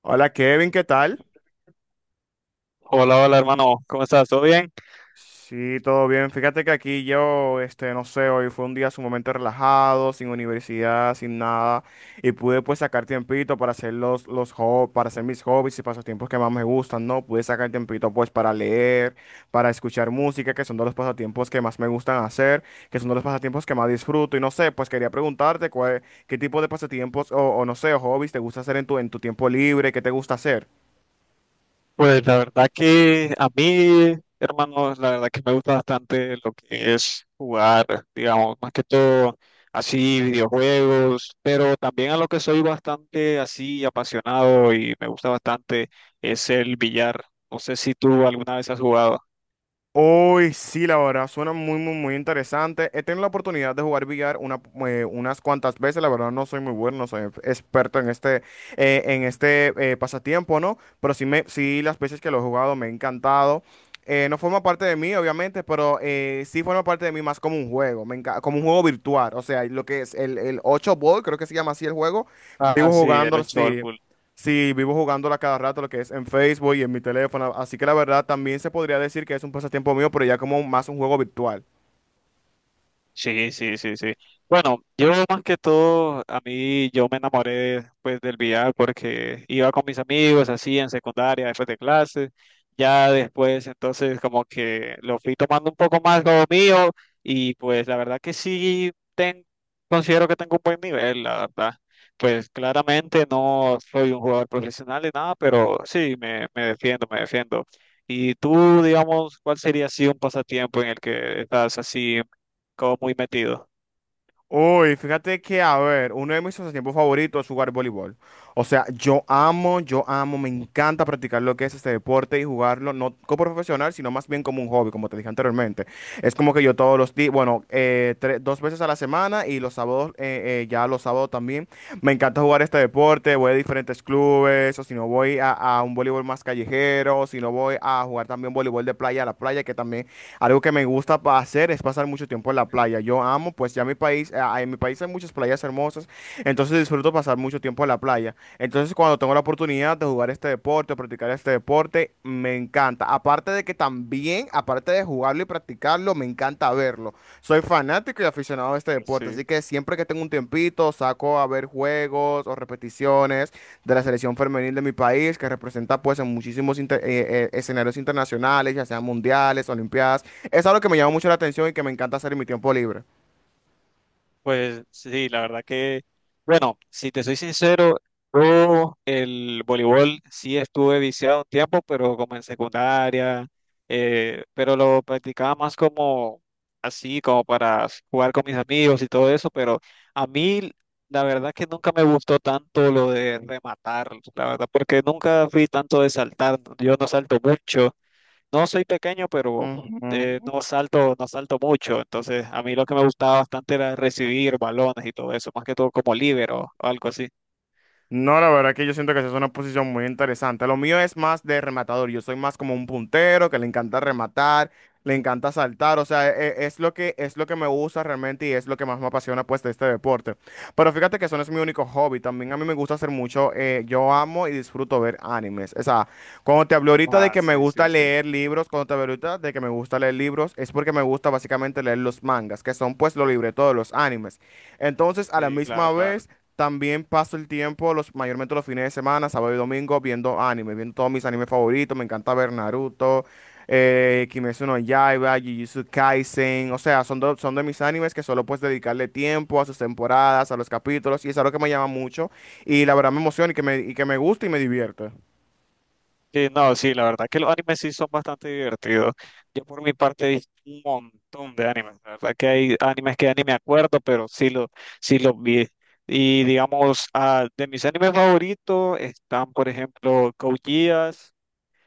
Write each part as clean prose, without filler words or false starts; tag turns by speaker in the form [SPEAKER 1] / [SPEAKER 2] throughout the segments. [SPEAKER 1] Hola Kevin, ¿qué tal?
[SPEAKER 2] Hola, hola hermano, ¿cómo estás? ¿Todo bien?
[SPEAKER 1] Sí, todo bien. Fíjate que aquí yo, no sé, hoy fue un día sumamente relajado, sin universidad, sin nada, y pude pues sacar tiempito para hacer los hobbies, para hacer mis hobbies y pasatiempos que más me gustan, ¿no? Pude sacar tiempito pues para leer, para escuchar música, que son de los pasatiempos que más me gustan hacer, que son de los pasatiempos que más disfruto, y no sé, pues quería preguntarte cuál, qué tipo de pasatiempos o no sé, o hobbies te gusta hacer en tu tiempo libre, qué te gusta hacer.
[SPEAKER 2] Pues la verdad que a mí, hermanos, la verdad que me gusta bastante lo que es jugar, digamos, más que todo así videojuegos, pero también a lo que soy bastante así apasionado y me gusta bastante es el billar. No sé si tú alguna vez has jugado.
[SPEAKER 1] Uy, sí, la verdad, suena muy, muy, muy interesante. He tenido la oportunidad de jugar billar una, unas cuantas veces. La verdad, no soy muy bueno, no soy experto en este pasatiempo, ¿no? Pero sí, me, sí, las veces que lo he jugado me ha encantado. No forma parte de mí, obviamente, pero sí forma parte de mí más como un juego, como un juego virtual. O sea, lo que es el 8 Ball, creo que se llama así el juego.
[SPEAKER 2] Ah,
[SPEAKER 1] Vivo
[SPEAKER 2] sí, el
[SPEAKER 1] jugándolo,
[SPEAKER 2] ocho.
[SPEAKER 1] sí. Sí, vivo jugándola cada rato, lo que es en Facebook y en mi teléfono. Así que la verdad también se podría decir que es un pasatiempo mío, pero ya como más un juego virtual.
[SPEAKER 2] Sí, sí, sí, sí. Bueno, yo más que todo, a mí yo me enamoré pues del VR porque iba con mis amigos así en secundaria, después de clases, ya después entonces como que lo fui tomando un poco más como mío y pues la verdad que considero que tengo un buen nivel, la verdad. Pues claramente no soy un jugador profesional ni nada, pero sí, me defiendo, me defiendo. Y tú, digamos, ¿cuál sería así un pasatiempo en el que estás así como muy metido?
[SPEAKER 1] Uy, fíjate que, a ver, uno de mis pasatiempos favoritos es jugar voleibol. O sea, yo amo, me encanta practicar lo que es este deporte y jugarlo, no como profesional, sino más bien como un hobby, como te dije anteriormente. Es como que yo todos los días, bueno, dos veces a la semana y los sábados, ya los sábados también. Me encanta jugar este deporte, voy a diferentes clubes, o si no voy a un voleibol más callejero, o si no voy a jugar también voleibol de playa a la playa, que también algo que me hacer es pasar mucho tiempo en la playa. Yo amo, pues ya mi país, ah, en mi país hay muchas playas hermosas, entonces disfruto pasar mucho tiempo en la playa. Entonces cuando tengo la oportunidad de jugar este deporte, o practicar este deporte, me encanta. Aparte de que también, aparte de jugarlo y practicarlo, me encanta verlo. Soy fanático y aficionado a este deporte,
[SPEAKER 2] Sí.
[SPEAKER 1] así que siempre que tengo un tiempito saco a ver juegos o repeticiones de la selección femenil de mi país, que representa pues en muchísimos escenarios internacionales, ya sean mundiales, olimpiadas. Es algo que me llama mucho la atención y que me encanta hacer en mi tiempo libre.
[SPEAKER 2] Pues sí, la verdad que, bueno, si te soy sincero, yo el voleibol sí estuve viciado un tiempo, pero como en secundaria, pero lo practicaba más como así, como para jugar con mis amigos y todo eso, pero a mí la verdad que nunca me gustó tanto lo de rematar, la verdad, porque nunca fui tanto de saltar, yo no salto mucho. No soy pequeño, pero
[SPEAKER 1] Ujú.
[SPEAKER 2] no salto, no salto mucho. Entonces, a mí lo que me gustaba bastante era recibir balones y todo eso, más que todo como líbero o algo así.
[SPEAKER 1] No, la verdad que yo siento que esa es una posición muy interesante. Lo mío es más de rematador. Yo soy más como un puntero que le encanta rematar, le encanta saltar. O sea, lo que, es lo que me gusta realmente y es lo que más me apasiona pues de este deporte. Pero fíjate que eso no es mi único hobby. También a mí me gusta hacer mucho. Yo amo y disfruto ver animes. O sea, cuando te hablo ahorita de
[SPEAKER 2] Ah,
[SPEAKER 1] que me
[SPEAKER 2] sí,
[SPEAKER 1] gusta
[SPEAKER 2] sí, sí.
[SPEAKER 1] leer libros, cuando te hablo ahorita de que me gusta leer libros, es porque me gusta básicamente leer los mangas, que son pues los libretos de los animes. Entonces, a la
[SPEAKER 2] Sí, claro,
[SPEAKER 1] misma
[SPEAKER 2] claro.
[SPEAKER 1] vez... También paso el tiempo, los, mayormente los fines de semana, sábado y domingo, viendo anime, viendo todos mis animes favoritos. Me encanta ver Naruto, Kimetsu no Yaiba, Jujutsu Kaisen. O sea, son de mis animes que solo puedes dedicarle tiempo a sus temporadas, a los capítulos, y es algo que me llama mucho. Y la verdad me emociona y que me gusta y me divierte.
[SPEAKER 2] Sí, no, sí, la verdad que los animes sí son bastante divertidos. Yo por mi parte he visto un montón de animes. La verdad que hay animes que ya ni me acuerdo, pero sí los vi. Y digamos, ah, de mis animes favoritos están, por ejemplo, Code Geass,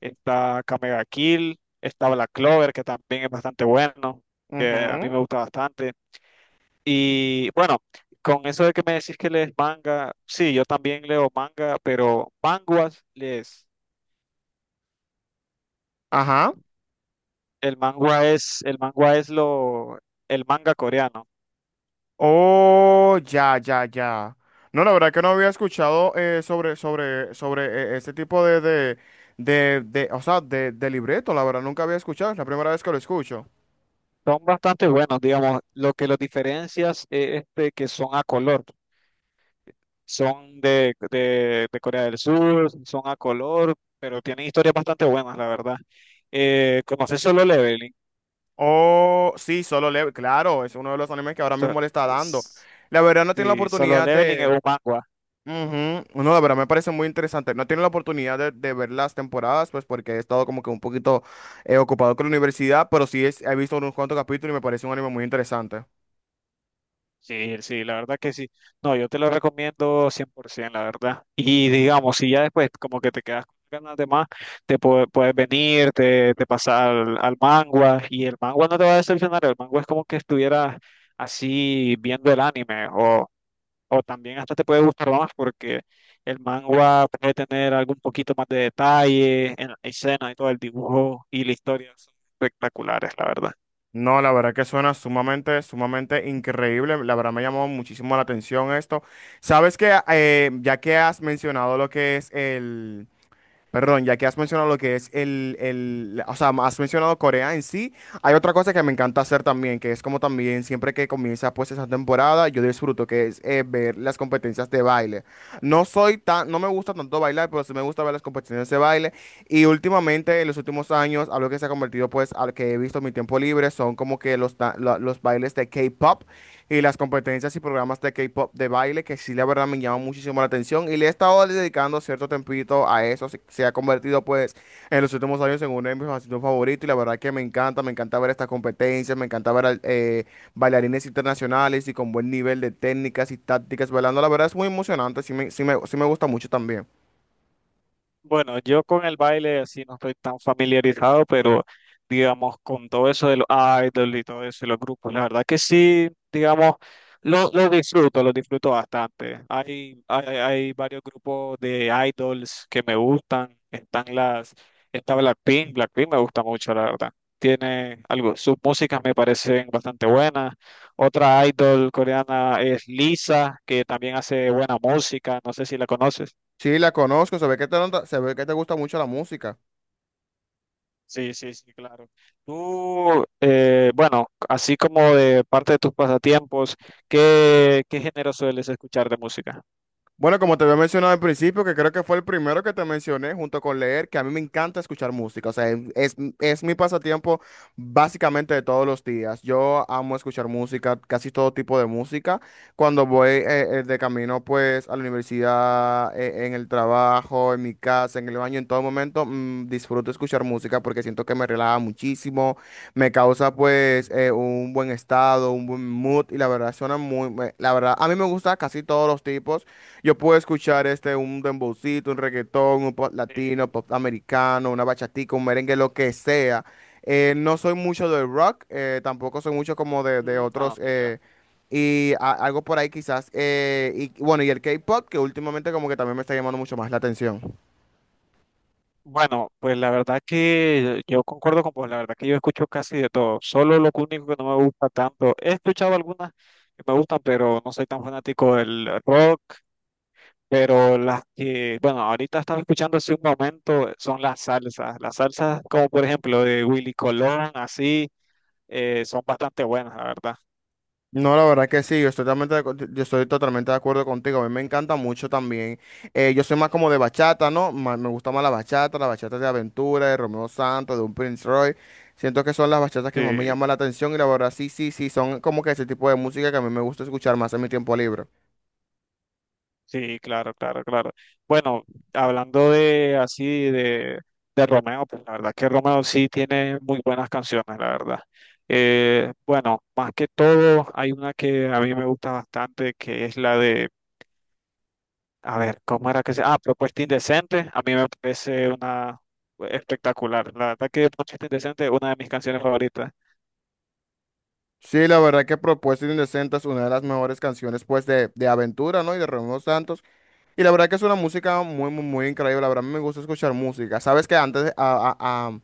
[SPEAKER 2] está Kamega Kill, está Black Clover, que también es bastante bueno, que a mí
[SPEAKER 1] Ujú.
[SPEAKER 2] me gusta bastante. Y bueno, con eso de que me decís que lees manga, sí, yo también leo manga, pero manguas lees.
[SPEAKER 1] Ajá.
[SPEAKER 2] El manga es lo, el manga coreano.
[SPEAKER 1] Oh, ya, ya, ya. No, la verdad que no había escuchado sobre este tipo de, o sea, de libreto, la verdad, nunca había escuchado, es la primera vez que lo escucho.
[SPEAKER 2] Son bastante buenos, digamos. Lo que los diferencias es este, que son a color. Son de Corea del Sur, son a color, pero tienen historias bastante buenas, la verdad. ¿Conoces Solo Leveling?
[SPEAKER 1] Oh, sí, Solo Level, claro, es uno de los animes que ahora
[SPEAKER 2] So-
[SPEAKER 1] mismo le está dando.
[SPEAKER 2] s-
[SPEAKER 1] La verdad no tiene la
[SPEAKER 2] sí, Solo
[SPEAKER 1] oportunidad
[SPEAKER 2] Leveling es
[SPEAKER 1] de,
[SPEAKER 2] un manga.
[SPEAKER 1] ujú. No, la verdad me parece muy interesante. No he tenido la oportunidad de ver las temporadas, pues porque he estado como que un poquito ocupado con la universidad, pero he visto unos cuantos capítulos y me parece un anime muy interesante.
[SPEAKER 2] Sí, sí, la verdad que sí. No, yo te lo recomiendo 100%, la verdad. Y digamos, si ya después como que te quedas con ganas de más, puedes venir, te pasas al manga y el manga no te va a decepcionar. El manga es como que estuvieras así viendo el anime o también hasta te puede gustar más porque el manga puede tener algún poquito más de detalle en la escena y todo el dibujo y la historia son espectaculares, la verdad.
[SPEAKER 1] No, la verdad que suena sumamente, sumamente increíble. La verdad me llamó muchísimo la atención esto. Sabes que, ya que has mencionado lo que es el, perdón, ya que has mencionado lo que es el, o sea, has mencionado Corea en sí, hay otra cosa que me encanta hacer también, que es como también siempre que comienza pues esa temporada, yo disfruto, que es ver las competencias de baile. No soy tan, no me gusta tanto bailar, pero sí me gusta ver las competencias de baile. Y últimamente, en los últimos años, algo que se ha convertido pues al que he visto en mi tiempo libre son como que los bailes de K-pop y las competencias y programas de K-pop de baile, que sí, la verdad me llama muchísimo la atención y le he estado dedicando cierto tempito a eso. Se ha convertido, pues, en los últimos años en uno de mis pasatiempos favoritos y la verdad que me encanta ver estas competencias, me encanta ver bailarines internacionales y con buen nivel de técnicas y tácticas bailando. La verdad es muy emocionante, sí me, sí me, sí me gusta mucho también.
[SPEAKER 2] Bueno, yo con el baile así no estoy tan familiarizado, pero digamos con todo eso de los idols y todo eso y los grupos, la verdad que sí, digamos, lo disfruto bastante. Hay varios grupos de idols que me gustan, está Blackpink, Blackpink me gusta mucho, la verdad. Tiene algo, sus músicas me parecen bastante buenas. Otra idol coreana es Lisa, que también hace buena música, no sé si la conoces.
[SPEAKER 1] Sí, la conozco, se ve que te, se ve que te gusta mucho la música.
[SPEAKER 2] Sí, sí, sí, claro. Tú, bueno, así como de parte de tus pasatiempos, qué género sueles escuchar de música?
[SPEAKER 1] Bueno, como te había mencionado al principio, que creo que fue el primero que te mencioné, junto con leer, que a mí me encanta escuchar música. O sea, es mi pasatiempo básicamente de todos los días. Yo amo escuchar música, casi todo tipo de música. Cuando voy de camino, pues, a la universidad, en el trabajo, en mi casa, en el baño, en todo momento, disfruto escuchar música porque siento que me relaja muchísimo, me causa, pues, un buen estado, un buen mood y la verdad suena la verdad, a mí me gusta casi todos los tipos. Yo puedo escuchar este, un dembowcito, un reggaetón, un pop latino,
[SPEAKER 2] Eh,
[SPEAKER 1] pop americano, una bachatica, un merengue, lo que sea. No soy mucho del rock, tampoco soy mucho como de otros,
[SPEAKER 2] no, mira.
[SPEAKER 1] y algo por ahí quizás. Y bueno, y el K-pop, que últimamente como que también me está llamando mucho más la atención.
[SPEAKER 2] Bueno, pues la verdad que yo concuerdo con vos, la verdad que yo escucho casi de todo. Solo lo único que no me gusta tanto, he escuchado algunas que me gustan, pero no soy tan fanático del rock, pero las que, bueno, ahorita estaba escuchando hace un momento son las salsas como por ejemplo de Willy Colón, así. Son bastante buenas, la verdad.
[SPEAKER 1] No, la verdad que sí, yo estoy totalmente yo estoy totalmente de acuerdo contigo. A mí me encanta mucho también. Yo soy más como de bachata, ¿no? Me gusta más la bachata de Aventura, de Romeo Santos, de un Prince Roy. Siento que son las bachatas
[SPEAKER 2] Sí,
[SPEAKER 1] que más me llaman la atención y la verdad sí, sí, sí, son como que ese tipo de música que a mí me gusta escuchar más en mi tiempo libre.
[SPEAKER 2] sí, claro, claro, claro. Bueno, hablando de así de, de Romeo, pues la verdad que Romeo sí tiene muy buenas canciones, la verdad. Bueno, más que todo, hay una que a mí me gusta bastante, que es la de, a ver, ¿cómo era que se? Ah, Propuesta Indecente. A mí me parece una espectacular. La verdad que Propuesta Indecente es una de mis canciones favoritas.
[SPEAKER 1] Sí, la verdad que Propuesta Indecente es una de las mejores canciones pues de Aventura, ¿no? Y de Romeo Santos. Y la verdad que es una música muy, muy, muy increíble. La verdad, a mí me gusta escuchar música. ¿Sabes que antes, a- a-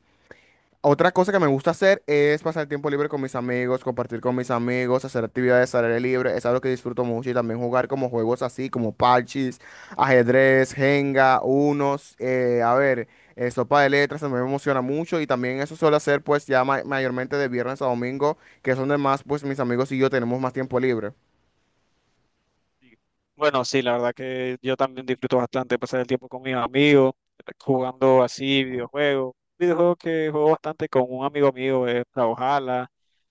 [SPEAKER 1] otra cosa que me gusta hacer es pasar tiempo libre con mis amigos, compartir con mis amigos, hacer actividades al aire libre? Es algo que disfruto mucho y también jugar como juegos así, como parches, ajedrez, Jenga, unos, a ver, sopa de letras, también me emociona mucho y también eso suelo hacer pues ya mayormente de viernes a domingo, que son donde más pues mis amigos y yo tenemos más tiempo libre.
[SPEAKER 2] Sí. Bueno, sí, la verdad que yo también disfruto bastante pasar el tiempo con mis amigos, jugando así videojuegos. Videojuego que juego bastante con un amigo mío es Brawlhalla,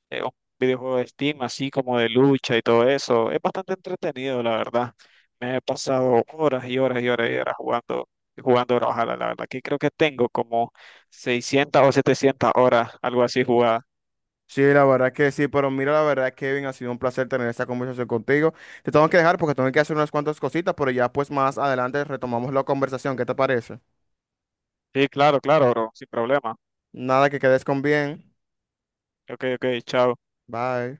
[SPEAKER 2] es un videojuego de Steam, así como de lucha y todo eso. Es bastante entretenido, la verdad. Me he pasado horas y horas y horas y horas jugando, jugando Brawlhalla, la verdad que creo que tengo como 600 o 700 horas, algo así jugada.
[SPEAKER 1] Sí, la verdad que sí, pero mira, la verdad, Kevin, ha sido un placer tener esta conversación contigo. Te tengo que dejar porque tengo que hacer unas cuantas cositas, pero ya pues más adelante retomamos la conversación. ¿Qué te parece?
[SPEAKER 2] Sí, claro, claro, bro, sin problema.
[SPEAKER 1] Nada que quedes con bien.
[SPEAKER 2] Ok, ok, chao.
[SPEAKER 1] Bye.